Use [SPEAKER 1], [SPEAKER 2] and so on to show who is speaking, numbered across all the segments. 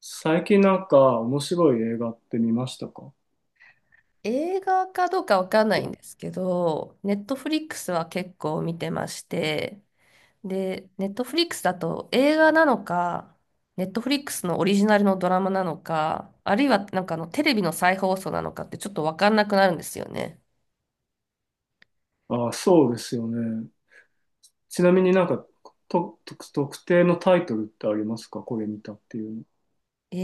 [SPEAKER 1] 最近なんか面白い映画って見ましたか？
[SPEAKER 2] 映画かどうかわかんないんですけど、ネットフリックスは結構見てまして、で、ネットフリックスだと映画なのか、ネットフリックスのオリジナルのドラマなのか、あるいはなんかテレビの再放送なのかってちょっとわかんなくなるんですよね。
[SPEAKER 1] ああ、そうですよね。ちなみになんか、と特定のタイトルってありますか？これ見たっていう。
[SPEAKER 2] え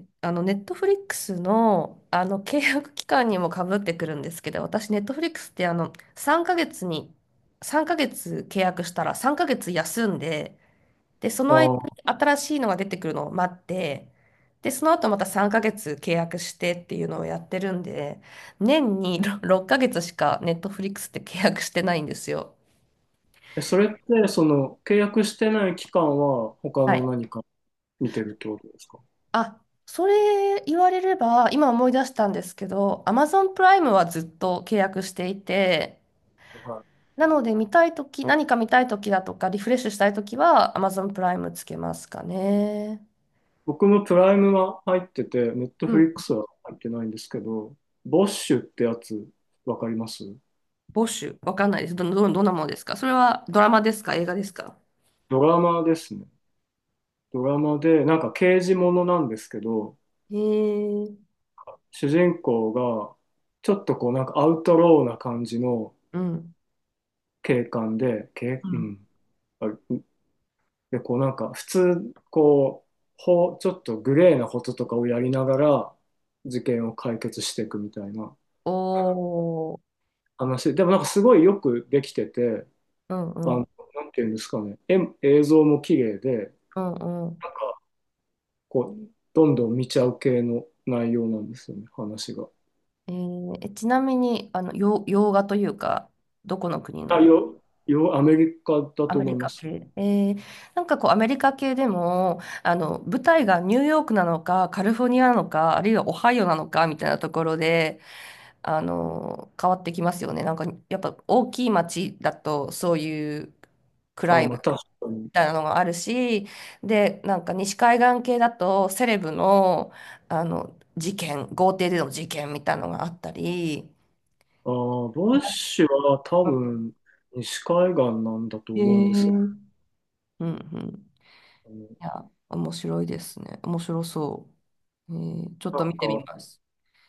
[SPEAKER 2] ネットフリックスの、契約期間にもかぶってくるんですけど、私、ネットフリックスって、3ヶ月に、3ヶ月契約したら3ヶ月休んで、で、その間
[SPEAKER 1] の。あ
[SPEAKER 2] に
[SPEAKER 1] あ、
[SPEAKER 2] 新しいのが出てくるのを待って、で、その後また3ヶ月契約してっていうのをやってるんで、年に6ヶ月しかネットフリックスって契約してないんですよ。
[SPEAKER 1] え、それってその契約してない期間は他
[SPEAKER 2] は
[SPEAKER 1] の
[SPEAKER 2] い。
[SPEAKER 1] 何か見てるってことですか？
[SPEAKER 2] あ、それ言われれば、今思い出したんですけど、Amazon プライムはずっと契約していて、
[SPEAKER 1] はい。
[SPEAKER 2] なので見たいとき、何か見たいときだとか、リフレッシュしたいときは Amazon プライムつけますかね。
[SPEAKER 1] 僕もプライムは入ってて、ネット
[SPEAKER 2] う
[SPEAKER 1] フ
[SPEAKER 2] ん。
[SPEAKER 1] リックスは入ってないんですけど、ボッシュってやつ、わかります？
[SPEAKER 2] ボッシュ、わかんないです。どんなものですか？それはドラマですか？映画ですか？
[SPEAKER 1] ドラマですね。ドラマで、なんか刑事ものなんですけど、
[SPEAKER 2] へえ、
[SPEAKER 1] 主人公が、ちょっとこうなんかアウトローな感じの
[SPEAKER 2] うん。
[SPEAKER 1] 警官で、警
[SPEAKER 2] う
[SPEAKER 1] う
[SPEAKER 2] ん。
[SPEAKER 1] んあ、で、こうなんか普通、こう、ちょっとグレーなこととかをやりながら事件を解決していくみたいな
[SPEAKER 2] おー、
[SPEAKER 1] 話。でもなんかすごいよくできてて、
[SPEAKER 2] うん
[SPEAKER 1] あ
[SPEAKER 2] う
[SPEAKER 1] の、
[SPEAKER 2] ん、
[SPEAKER 1] なんていうんですかね、映像も綺麗で、なん
[SPEAKER 2] うんうん。
[SPEAKER 1] かこう、どんどん見ちゃう系の内容なんですよね、話が。
[SPEAKER 2] えーえちなみに、洋画というか、どこの国
[SPEAKER 1] あ、
[SPEAKER 2] の？
[SPEAKER 1] アメリカだ
[SPEAKER 2] ア
[SPEAKER 1] と
[SPEAKER 2] メ
[SPEAKER 1] 思
[SPEAKER 2] リ
[SPEAKER 1] いま
[SPEAKER 2] カ
[SPEAKER 1] す。
[SPEAKER 2] 系。なんかこう、アメリカ系でも、舞台がニューヨークなのか、カリフォルニアなのか、あるいはオハイオなのか、みたいなところで、変わってきますよね。なんか、やっぱ大きい街だと、そういう、クラ
[SPEAKER 1] あ、
[SPEAKER 2] イ
[SPEAKER 1] ま
[SPEAKER 2] ム
[SPEAKER 1] あ確かに。
[SPEAKER 2] たいなのがあるし、で、なんか西海岸系だとセレブの、事件、豪邸での事件みたいなのがあったり。
[SPEAKER 1] ああ、バッシュは多分西海岸なんだと
[SPEAKER 2] へえ。う
[SPEAKER 1] 思うんですけ
[SPEAKER 2] んうん。い
[SPEAKER 1] ど、
[SPEAKER 2] や、面白いですね。面白そう。ちょっ
[SPEAKER 1] なん
[SPEAKER 2] と見てみ
[SPEAKER 1] か、
[SPEAKER 2] ます。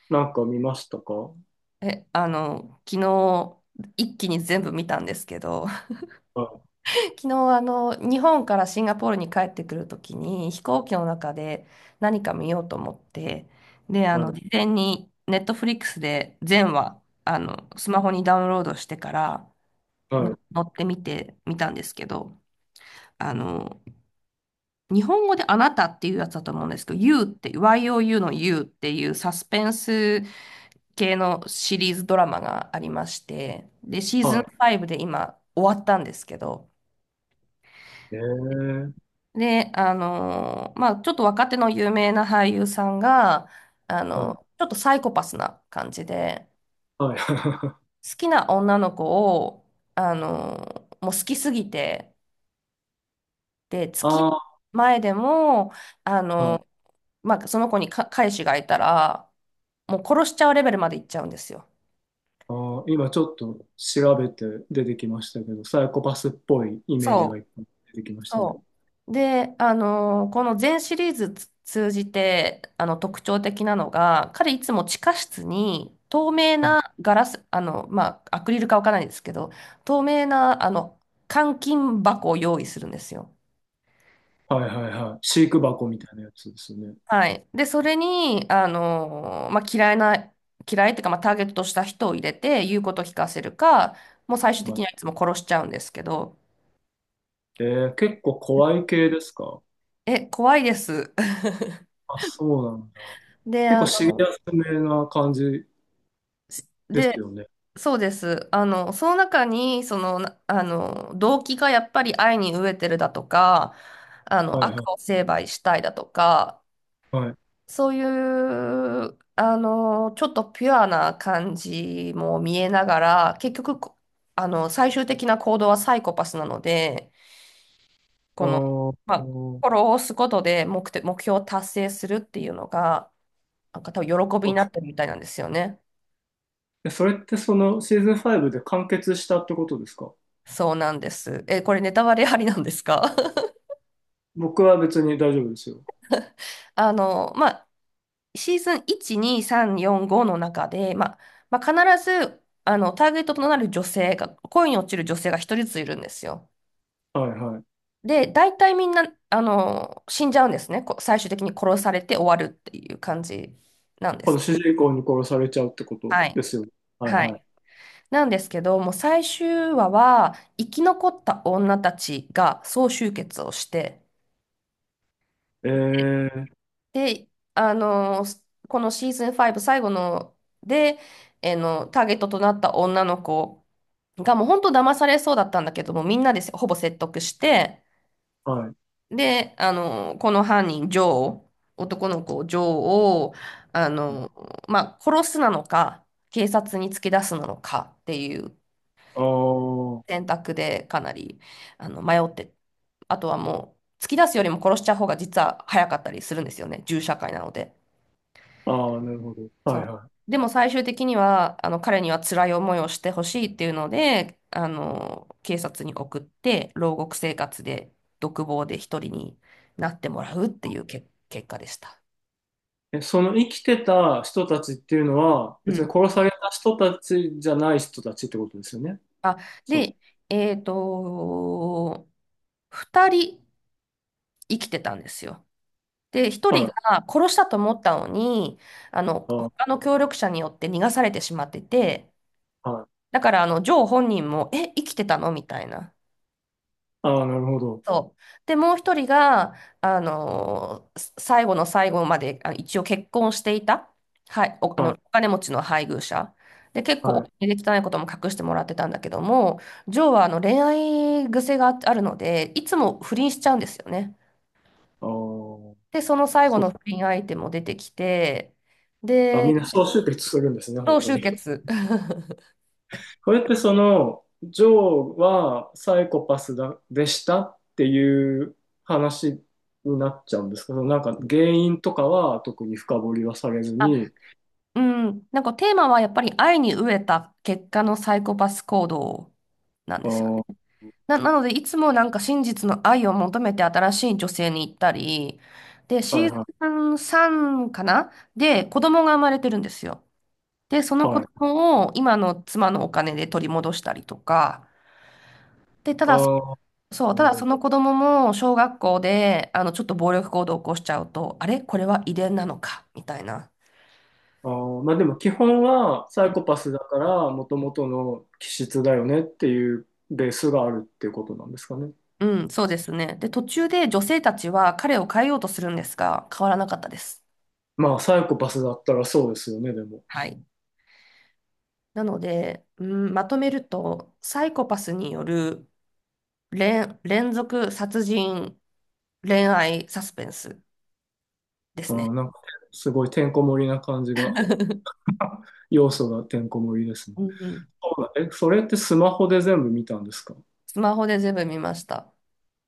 [SPEAKER 1] なんか見ましたか？は
[SPEAKER 2] え、昨日、一気に全部見たんですけど、
[SPEAKER 1] い、
[SPEAKER 2] 昨日、日本からシンガポールに帰ってくるときに、飛行機の中で何か見ようと思って、で、
[SPEAKER 1] はい、
[SPEAKER 2] 事前にネットフリックスで全話、スマホにダウンロードしてからの
[SPEAKER 1] はい、
[SPEAKER 2] 乗ってみてみたんですけど、あの、日本語であなたっていうやつだと思うんですけど、You って、YOU の You っていうサスペンス系のシリーズドラマがありまして、で、シーズン
[SPEAKER 1] は
[SPEAKER 2] 5で今終わったんですけど、
[SPEAKER 1] い。
[SPEAKER 2] で、まあ、ちょっと若手の有名な俳優さんが、
[SPEAKER 1] はい、
[SPEAKER 2] ちょっとサイコパスな感じで、
[SPEAKER 1] はい。
[SPEAKER 2] 好きな女の子を、あのもう好きすぎて、で、付き合
[SPEAKER 1] あ
[SPEAKER 2] う前でも、あ
[SPEAKER 1] あ、はい。
[SPEAKER 2] のーまあ、その子に彼氏がいたら、もう殺しちゃうレベルまで行っちゃうんですよ。
[SPEAKER 1] ああ、今ちょっと調べて出てきましたけど、サイコパスっぽいイメージがい
[SPEAKER 2] そ
[SPEAKER 1] っぱい出てき
[SPEAKER 2] う。
[SPEAKER 1] ましたね。
[SPEAKER 2] そう。で、この全シリーズ通じて、特徴的なのが、彼いつも地下室に透明
[SPEAKER 1] うん、
[SPEAKER 2] なガラス、まあ、アクリルかわからないですけど、透明な、監禁箱を用意するんですよ。
[SPEAKER 1] はい、はい、はい。飼育箱みたいなやつですね。
[SPEAKER 2] はい。で、それに、まあ、嫌いっていうか、まあ、ターゲットとした人を入れて、言うことを聞かせるか、もう最終的
[SPEAKER 1] は
[SPEAKER 2] に
[SPEAKER 1] い。
[SPEAKER 2] はいつも殺しちゃうんですけど、
[SPEAKER 1] え結構怖い系ですか？
[SPEAKER 2] え、怖いです。
[SPEAKER 1] あ、そうなんだ。
[SPEAKER 2] で、
[SPEAKER 1] 結構シリアスめな感じです
[SPEAKER 2] で、
[SPEAKER 1] よね。
[SPEAKER 2] そうです。その中に、動機がやっぱり愛に飢えてるだとか、
[SPEAKER 1] はい、は
[SPEAKER 2] 悪を
[SPEAKER 1] い、
[SPEAKER 2] 成敗したいだとか、
[SPEAKER 1] はい。
[SPEAKER 2] そういう、ちょっとピュアな感じも見えながら、結局、最終的な行動はサイコパスなので、
[SPEAKER 1] あ
[SPEAKER 2] この、
[SPEAKER 1] ー、
[SPEAKER 2] まあ、
[SPEAKER 1] おー、
[SPEAKER 2] 心を押すことで目的、目標を達成するっていうのが、なんか多分喜びになってるみたいなんですよね。
[SPEAKER 1] え、それってそのシーズン5で完結したってことですか？
[SPEAKER 2] そうなんです。え、これネタバレありなんですか？
[SPEAKER 1] 僕は別に大丈夫ですよ。
[SPEAKER 2] まあ、シーズン1、2、3、4、5の中で、まあ、必ず、ターゲットとなる女性が、恋に落ちる女性が一人ずついるんですよ。
[SPEAKER 1] はい、はい。
[SPEAKER 2] で、大体みんな、死んじゃうんですね。最終的に殺されて終わるっていう感じなんで
[SPEAKER 1] こ
[SPEAKER 2] す
[SPEAKER 1] の
[SPEAKER 2] けど。
[SPEAKER 1] 主人公に殺されちゃうってこと
[SPEAKER 2] はい。
[SPEAKER 1] ですよね。はい、
[SPEAKER 2] は
[SPEAKER 1] は
[SPEAKER 2] い。なんですけど、もう最終話は、生き残った女たちが総集結をして、
[SPEAKER 1] い。
[SPEAKER 2] で、このシーズン5最後ので、えーの、ターゲットとなった女の子がもう本当騙されそうだったんだけども、みんなでほぼ説得して、
[SPEAKER 1] はい。
[SPEAKER 2] で、この犯人、ジョー、男の子、ジョーを、あ
[SPEAKER 1] はい、
[SPEAKER 2] の、まあ、殺すなのか、警察に突き出すなのかっていう
[SPEAKER 1] あー、
[SPEAKER 2] 選択でかなり、迷って、あとはもう、突き出すよりも殺しちゃう方が実は早かったりするんですよね、銃社会なので。
[SPEAKER 1] あー、なるほど。は
[SPEAKER 2] そ
[SPEAKER 1] い、
[SPEAKER 2] う。
[SPEAKER 1] は
[SPEAKER 2] でも最終的には、彼には辛い思いをしてほしいっていうので、警察に送って、牢獄生活で、独房で一人になってもらうっていう結果でした。
[SPEAKER 1] い。え、その生きてた人たちっていうのは、
[SPEAKER 2] う
[SPEAKER 1] 別
[SPEAKER 2] ん。
[SPEAKER 1] に殺された人たちじゃない人たちってことですよね。
[SPEAKER 2] あ、
[SPEAKER 1] そう。
[SPEAKER 2] で、えっと、二人生きてたんですよ。で、一人
[SPEAKER 1] はい。
[SPEAKER 2] が殺したと思ったのに、
[SPEAKER 1] あー、
[SPEAKER 2] 他の協力者によって逃がされてしまってて、
[SPEAKER 1] はい。
[SPEAKER 2] だから、ジョー本人も、え、生きてたのみたいな。
[SPEAKER 1] あー、なるほど。
[SPEAKER 2] そう。で、もう一人が、あのーす最後の最後まで、あ、一応結婚していた、はい、
[SPEAKER 1] は
[SPEAKER 2] お
[SPEAKER 1] い。
[SPEAKER 2] 金持ちの配偶者。で、結構
[SPEAKER 1] は
[SPEAKER 2] お
[SPEAKER 1] い。
[SPEAKER 2] 金で汚いことも隠してもらってたんだけども、ジョーはあの恋愛癖があるので、いつも不倫しちゃうんですよね。
[SPEAKER 1] ああ、
[SPEAKER 2] で、その最後
[SPEAKER 1] そう、
[SPEAKER 2] の不倫相手も出てきて、
[SPEAKER 1] あ、み
[SPEAKER 2] で、
[SPEAKER 1] んな総集結するんですね、本
[SPEAKER 2] 同
[SPEAKER 1] 当
[SPEAKER 2] 終
[SPEAKER 1] に。
[SPEAKER 2] 結。
[SPEAKER 1] これってその、ジョーはサイコパスだ、でしたっていう話になっちゃうんですけど、なんか原因とかは特に深掘りはされず
[SPEAKER 2] あ、
[SPEAKER 1] に、
[SPEAKER 2] うん、なんかテーマはやっぱり愛に飢えた結果のサイコパス行動なん
[SPEAKER 1] あ
[SPEAKER 2] ですよ。
[SPEAKER 1] ー、
[SPEAKER 2] なので、いつもなんか真実の愛を求めて新しい女性に行ったり、で、
[SPEAKER 1] は
[SPEAKER 2] シ
[SPEAKER 1] い、
[SPEAKER 2] ー
[SPEAKER 1] は
[SPEAKER 2] ズン3かなで、子供が生まれてるんですよ。で、そ
[SPEAKER 1] い、
[SPEAKER 2] の子
[SPEAKER 1] はい。
[SPEAKER 2] 供を今の妻のお金で取り戻したりとか、で、た
[SPEAKER 1] あ
[SPEAKER 2] だ、
[SPEAKER 1] ー、
[SPEAKER 2] そう、
[SPEAKER 1] な
[SPEAKER 2] た
[SPEAKER 1] る
[SPEAKER 2] だ
[SPEAKER 1] ほ
[SPEAKER 2] そ
[SPEAKER 1] ど。
[SPEAKER 2] の子供も小学校で、ちょっと暴力行動を起こしちゃうと、あれこれは遺伝なのかみたいな。
[SPEAKER 1] あー、まあでも基本はサ
[SPEAKER 2] う
[SPEAKER 1] イ
[SPEAKER 2] ん、
[SPEAKER 1] コパスだから、もともとの気質だよねっていうベースがあるっていうことなんですかね。
[SPEAKER 2] うんそうですね。で、途中で女性たちは彼を変えようとするんですが、変わらなかったです。
[SPEAKER 1] まあサイコパスだったらそうですよね、でも。
[SPEAKER 2] はい。なので、うん、まとめると、サイコパスによる連続殺人恋愛サスペンスで
[SPEAKER 1] あ
[SPEAKER 2] すね。
[SPEAKER 1] ー、なんかすごいてんこ盛りな感じが。要素がてんこ盛りですね。
[SPEAKER 2] うんうん。
[SPEAKER 1] そうだ、え、それってスマホで全部見たんですか？
[SPEAKER 2] スマホで全部見ました。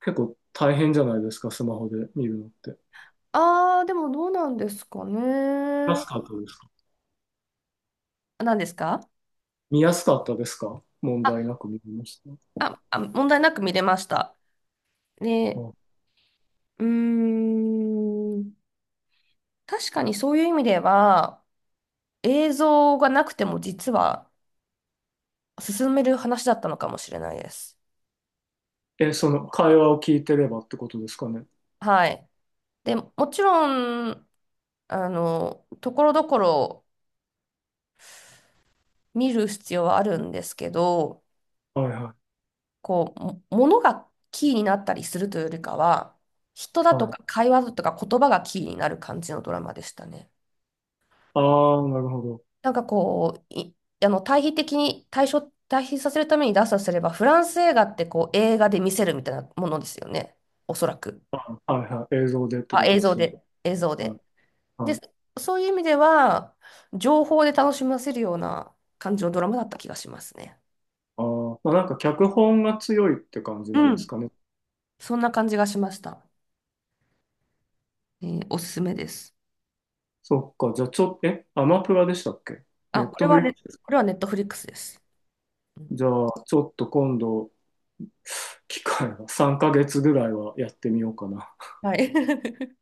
[SPEAKER 1] 結構大変じゃないですか、スマホで見るのって。
[SPEAKER 2] あー、でもどうなんですか
[SPEAKER 1] 見や
[SPEAKER 2] ね。
[SPEAKER 1] すかったですか？
[SPEAKER 2] あ、何ですか？
[SPEAKER 1] 見やすかったですか？問
[SPEAKER 2] あ、
[SPEAKER 1] 題なく見れました？
[SPEAKER 2] 問題なく見れました。で、
[SPEAKER 1] あ、
[SPEAKER 2] うーん、確かにそういう意味では、映像がなくても実は進める話だったのかもしれないです。
[SPEAKER 1] え、その会話を聞いてればってことですかね。
[SPEAKER 2] はい。で、もちろん、ところどころ見る必要はあるんですけど、
[SPEAKER 1] はい、は
[SPEAKER 2] こう、物がキーになったりするというよりかは、人だ
[SPEAKER 1] い、
[SPEAKER 2] と
[SPEAKER 1] はい。
[SPEAKER 2] か会話だとか言葉がキーになる感じのドラマでしたね。
[SPEAKER 1] ああ、なるほど。
[SPEAKER 2] なんかこう、い、あの、対比させるために出すとすれば、フランス映画ってこう映画で見せるみたいなものですよね。おそらく。
[SPEAKER 1] はい、はい。映像でって
[SPEAKER 2] あ、
[SPEAKER 1] こと
[SPEAKER 2] 映
[SPEAKER 1] で
[SPEAKER 2] 像
[SPEAKER 1] すね。
[SPEAKER 2] で。映像
[SPEAKER 1] はい、
[SPEAKER 2] で。で、
[SPEAKER 1] はい。
[SPEAKER 2] そういう意味では、情報で楽しませるような感じのドラマだった気がしますね。
[SPEAKER 1] あー、まあ、なんか脚本が強いって感じな
[SPEAKER 2] う
[SPEAKER 1] んです
[SPEAKER 2] ん
[SPEAKER 1] かね。
[SPEAKER 2] そんな感じがしました。おすすめです。
[SPEAKER 1] そっか。じゃあちょっと、え、アマプラでしたっけ？ネ
[SPEAKER 2] あ、
[SPEAKER 1] ッ
[SPEAKER 2] これ
[SPEAKER 1] トフ
[SPEAKER 2] は
[SPEAKER 1] リック
[SPEAKER 2] ね、
[SPEAKER 1] ス。
[SPEAKER 2] これはネットフリックスです。うん
[SPEAKER 1] じゃあちょっと今度機会は3ヶ月ぐらいはやってみようかな。
[SPEAKER 2] はい。